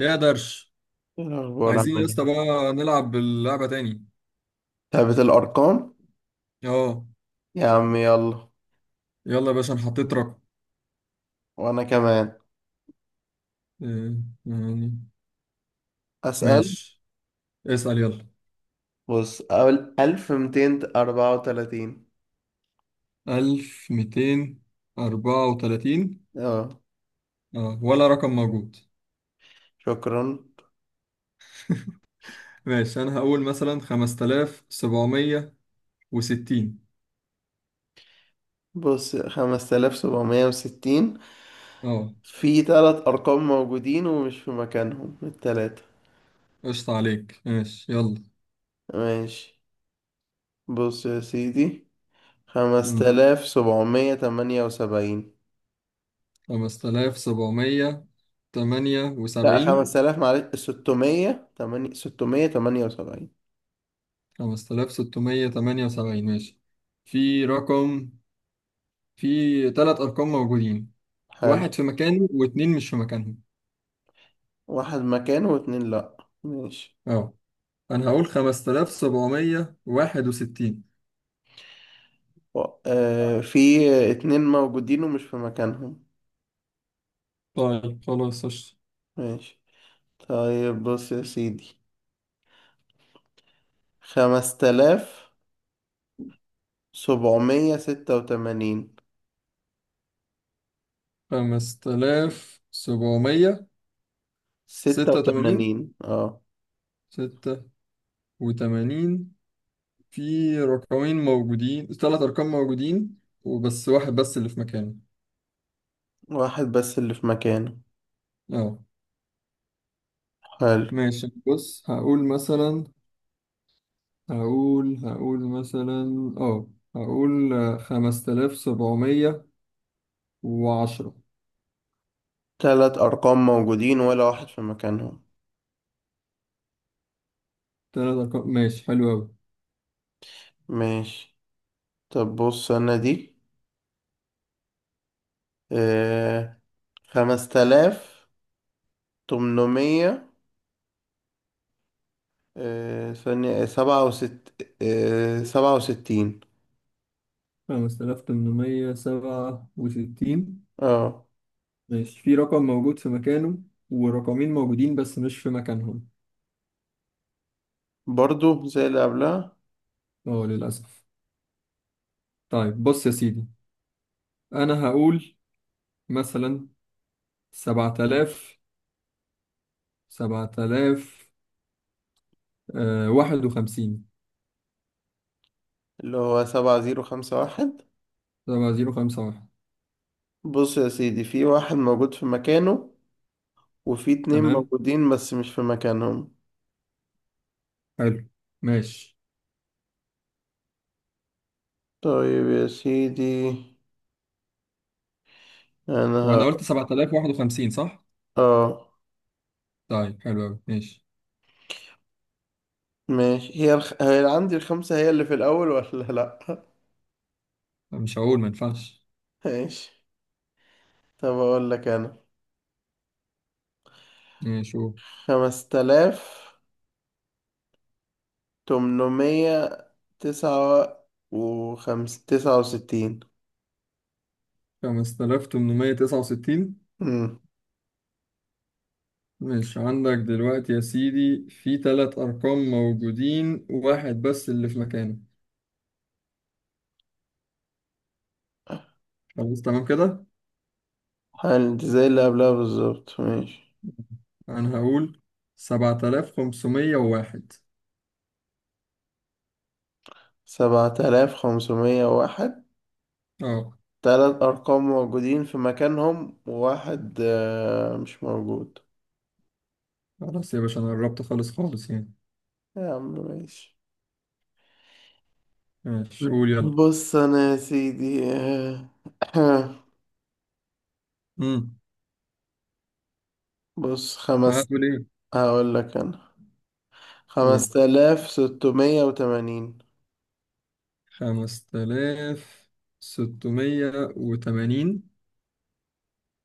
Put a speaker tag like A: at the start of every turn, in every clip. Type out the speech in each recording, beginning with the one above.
A: ايه يا درش؟
B: إيه الأخبار، عامل
A: عايزين يا اسطى
B: إيه؟
A: بقى نلعب اللعبة تاني.
B: ثابت الأرقام.
A: اه.
B: يا عم يلا.
A: يلا يا باشا انا حطيت رقم.
B: وأنا كمان.
A: آه، يعني.
B: أسأل.
A: ماشي. اسأل يلا.
B: بص، أول 1234.
A: ألف ميتين أربعة وتلاتين.
B: أه.
A: اه، ولا رقم موجود.
B: شكرا.
A: ماشي أنا هقول مثلا خمسة آلاف سبعمية وستين.
B: بص، 5760،
A: اه.
B: في تلات أرقام موجودين ومش في مكانهم التلاتة.
A: قشطة عليك ماشي يلا.
B: ماشي. بص يا سيدي، خمسة
A: مم.
B: آلاف سبعمية تمانية وسبعين
A: خمسة آلاف سبعمية تمانية
B: لأ
A: وسبعين.
B: 5000 معلش، 678.
A: خمسة آلاف ستمية تمانية وسبعين ماشي. في رقم في ثلاث أرقام موجودين،
B: حلو.
A: واحد في مكانه واتنين مش في مكانهم.
B: واحد مكانه واتنين لأ. ماشي.
A: اه. أنا هقول خمسة آلاف سبعمية واحد وستين.
B: في اتنين موجودين ومش في مكانهم.
A: طيب خلاص قشطة.
B: ماشي. طيب بص يا سيدي، 5786.
A: خمسة آلاف سبعمية
B: ستة
A: ستة وتمانين.
B: وتمانين اه.
A: ستة وتمانين. في رقمين موجودين ثلاث أرقام موجودين وبس واحد بس اللي في مكانه.
B: واحد بس اللي في مكانه،
A: اه.
B: حلو.
A: ماشي بص هقول مثلا هقول هقول مثلا اه هقول خمسة آلاف سبعمية وعشرة.
B: تلات أرقام موجودين ولا واحد في مكانهم.
A: تلات أرقام، ماشي حلو أوي.
B: ماشي. طب بص أنا دي، آه 5800، ثانية، 67.
A: خمسة آلاف تمنمية سبعة وستين
B: اه.
A: ماشي. في رقم موجود في مكانه ورقمين موجودين بس مش في مكانهم.
B: برضو زي اللي قبلها.
A: اه، للأسف. طيب بص يا سيدي، أنا هقول مثلا سبعة آلاف سبعة آلاف واحد وخمسين.
B: اللي هو 7051.
A: سبعة زيرو خمسة واحد.
B: بص يا سيدي، في واحد موجود في مكانه، وفي اتنين
A: تمام،
B: موجودين بس مش في مكانهم.
A: حلو، ماشي.
B: طيب يا سيدي انا
A: وأنا
B: ه...
A: قلت سبعة آلاف واحد وخمسين صح؟
B: اه
A: طيب حلو أوي ماشي.
B: ماشي. هي عندي الخمسة هي اللي في الأول ولا لأ؟
A: مش هقول ما ينفعش.
B: ماشي. طب أقول لك أنا،
A: ماشي هو
B: 5800، تسعة 69.
A: خمسة آلاف تمنمية تسعة وستين.
B: مم.
A: ماشي عندك دلوقتي يا سيدي في ثلاث أرقام موجودين، واحد بس اللي في مكانه. خلاص تمام كده.
B: حل دي زي اللي قبلها بالظبط. ماشي.
A: أنا هقول سبعة آلاف خمسمية وواحد.
B: 7501،
A: اه.
B: تلات أرقام موجودين في مكانهم وواحد مش موجود.
A: خلاص يا باشا، أنا قربت خالص خالص يعني.
B: يا عم ماشي.
A: ماشي قول يلا.
B: بص أنا يا سيدي
A: امم
B: بص،
A: هقول إيه؟
B: هقول لك أنا
A: قول
B: 5680.
A: خمسة آلاف ستمية وتمانين.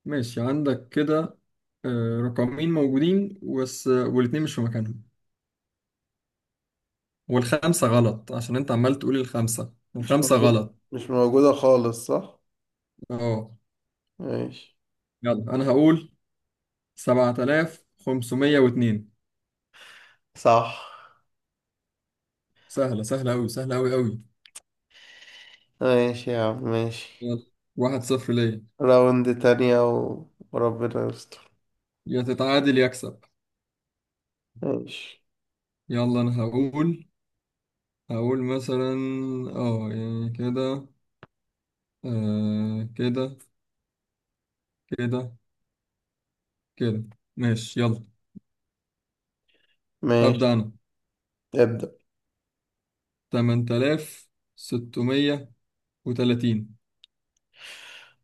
A: ماشي عندك كده رقمين موجودين بس والاتنين مش في مكانهم. والخمسة غلط عشان أنت عمال تقول الخمسة
B: مش
A: الخمسة
B: موجود
A: غلط.
B: مش موجودة خالص، صح؟
A: اه.
B: ماشي.
A: يلا انا هقول 7502.
B: صح.
A: سهلة سهلة أوي سهلة أوي أوي.
B: ماشي يا عم، ماشي.
A: يلا. واحد صفر ليا.
B: راوند تانية وربنا يستر.
A: يا تتعادل يا أكسب.
B: ماشي.
A: يلا أنا هقول مثلا اه يعني كده كده كده كده. ماشي يلا.
B: ماشي،
A: أبدأ أنا.
B: ابدأ.
A: 8630.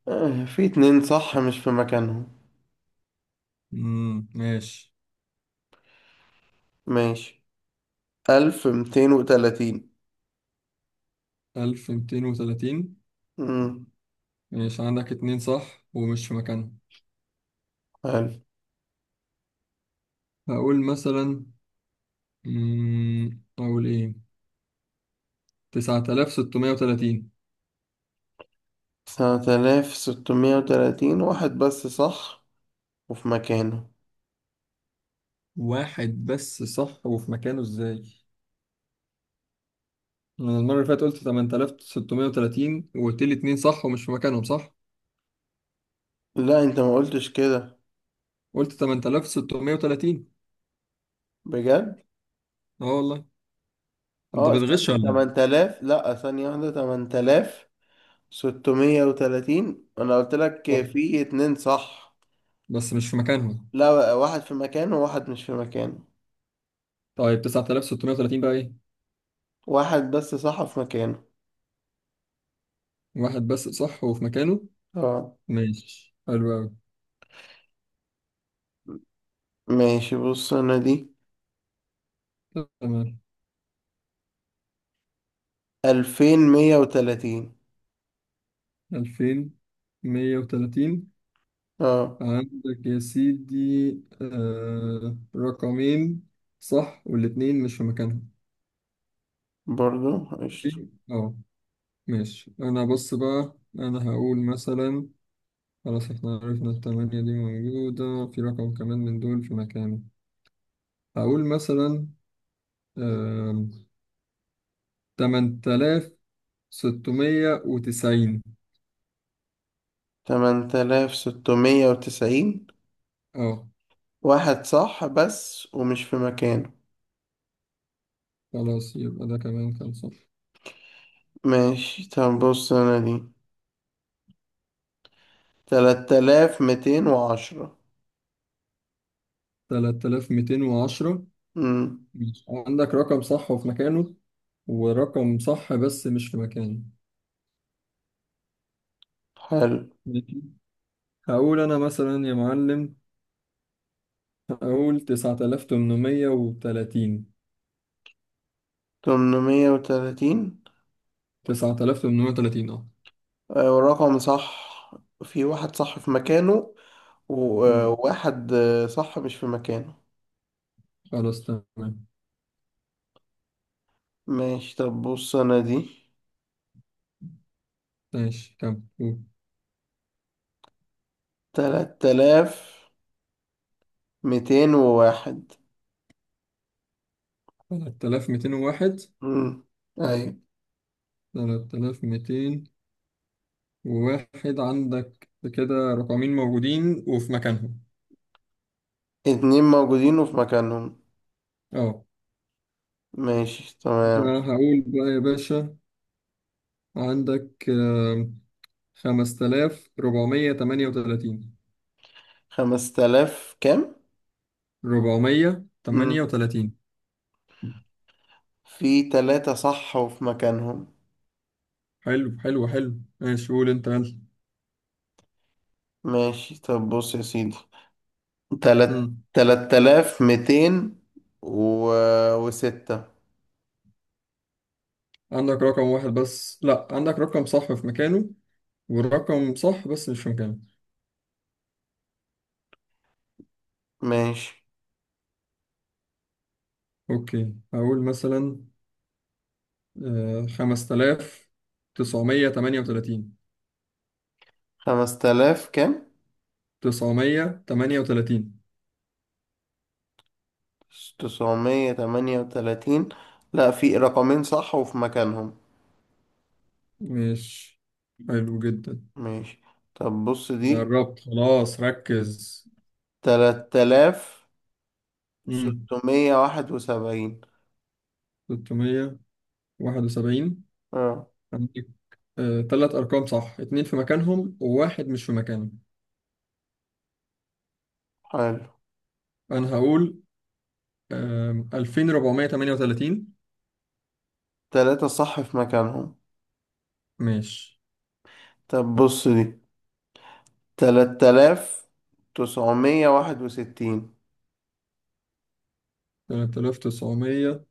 B: في اتنين صح مش في مكانهم.
A: ماشي.
B: ماشي. 1230.
A: 1230.
B: أمم،
A: ماشي عندك اتنين صح ومش في مكانهم.
B: حلو.
A: هقول مثلا، أقول إيه؟ 9630.
B: 7630، واحد بس صح وفي مكانه.
A: واحد بس صح وفي مكانه إزاي؟ أنا المرة اللي فاتت قلت 8630 وقلت لي اتنين صح ومش في مكانهم صح؟
B: لا انت ما قلتش كده.
A: قلت 8630.
B: بجد.
A: أه والله. أنت
B: اه
A: بتغش
B: ثانية
A: ولا
B: 8000، لا ثانية واحدة، 8630 أنا قلت
A: إيه؟
B: لك
A: آه.
B: في اتنين صح.
A: بس مش في مكانهم.
B: لا بقى، واحد في مكانه وواحد مش في مكانه.
A: طيب 9630 بقى إيه؟
B: واحد بس صح في مكانه.
A: واحد بس صح وفي مكانه؟
B: اه.
A: ماشي حلو أوي.
B: ماشي، بص أنا دي
A: تمام.
B: 2130.
A: 2130.
B: اه.
A: عندك يا سيدي رقمين صح والاتنين مش في مكانهم.
B: برضو قشطة.
A: في- اه ماشي. انا بص بقى انا هقول مثلا، خلاص احنا عرفنا التمانية دي موجودة في رقم كمان من دول في مكانه. هقول مثلا آم، تمن تلاف ستمية وتسعين.
B: 8690،
A: اه.
B: واحد صح بس ومش في مكانه.
A: خلاص يبقى ده كمان كان صح.
B: ماشي. طب بص انا دي، 3210.
A: تلات آلاف ميتين وعشرة.
B: امم.
A: ماشي. عندك رقم صح وفي مكانه ورقم صح بس مش في مكانه.
B: حلو.
A: ماشي. هقول أنا مثلا يا معلم. هقول تسعة آلاف تمنمية وتلاتين.
B: 830،
A: تسعة آلاف تمنمية وتلاتين أه.
B: ورقم صح، في واحد صح في مكانه
A: أمم.
B: وواحد صح مش في مكانه.
A: خلاص تمام.
B: ماشي. طب بص انا دي،
A: ماشي. كم؟
B: 3201.
A: تلات آلاف ميتين وواحد.
B: امم. ايوه.
A: تلات آلاف ميتين وواحد عندك كده، رقمين موجودين وفي مكانهم.
B: اتنين موجودين وفي مكانهم.
A: أه.
B: ماشي تمام.
A: هقول بقى يا باشا. عندك خمسة آلاف ربعمية تمانية وتلاتين.
B: خمس تلاف كام؟
A: ربعمية تمانية
B: مم.
A: وتلاتين.
B: في تلاتة صح وفي مكانهم.
A: حلو حلو حلو. ماشي قول أنت.
B: ماشي. طب بص يا سيدي، تلات
A: يلا.
B: 3200 و... وستة.
A: عندك رقم واحد بس، لا، عندك رقم صح في مكانه والرقم صح بس مش في مكانه.
B: ماشي.
A: اوكي هقول مثلا خمسة آلاف تسعمية تمانية وتلاتين.
B: خمس تلاف كام؟
A: تسعمية تمانية وتلاتين.
B: 938، لا في رقمين صح وفي مكانهم.
A: مش حلو جدا.
B: ماشي. طب بص دي،
A: أنا قربت خلاص، ركز.
B: تلات تلاف
A: مم.
B: ستمية واحد وسبعين
A: تلتمية واحد وسبعين.
B: اه.
A: عندك تلات أرقام صح، اتنين في مكانهم وواحد مش في مكانه.
B: حلو.
A: أنا هقول ألفين ربعمية تمانية وتلاتين.
B: تلاتة صح في مكانهم.
A: ماشي.
B: طب بص دي، 3961.
A: 3961.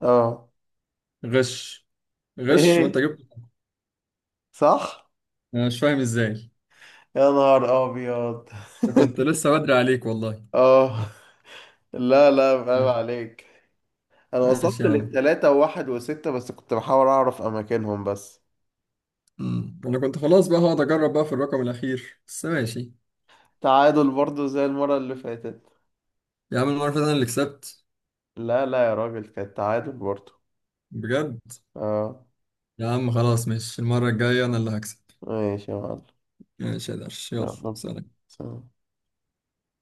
B: اه.
A: غش، غش وانت
B: ايه
A: جبت.
B: صح.
A: انا مش فاهم ازاي.
B: يا نهار ابيض.
A: انا كنت لسه بدري عليك والله.
B: اه. لا لا، فاهم
A: مم.
B: عليك. انا
A: ماشي
B: وصلت
A: يا عم.
B: للتلاتة وواحد وستة بس كنت بحاول اعرف اماكنهم بس.
A: مم. انا كنت خلاص بقى هقعد اجرب بقى في الرقم الاخير بس ماشي.
B: تعادل برضو زي المرة اللي فاتت.
A: يا عم المره اللي فاتت انا اللي كسبت.
B: لا لا يا راجل، كانت تعادل برضو.
A: بجد؟
B: اه.
A: يا عم خلاص ماشي، المره الجايه انا اللي هكسب.
B: ماشي يا معلم.
A: ماشي يا درش يلا.
B: يلا.
A: سلام.
B: سلام.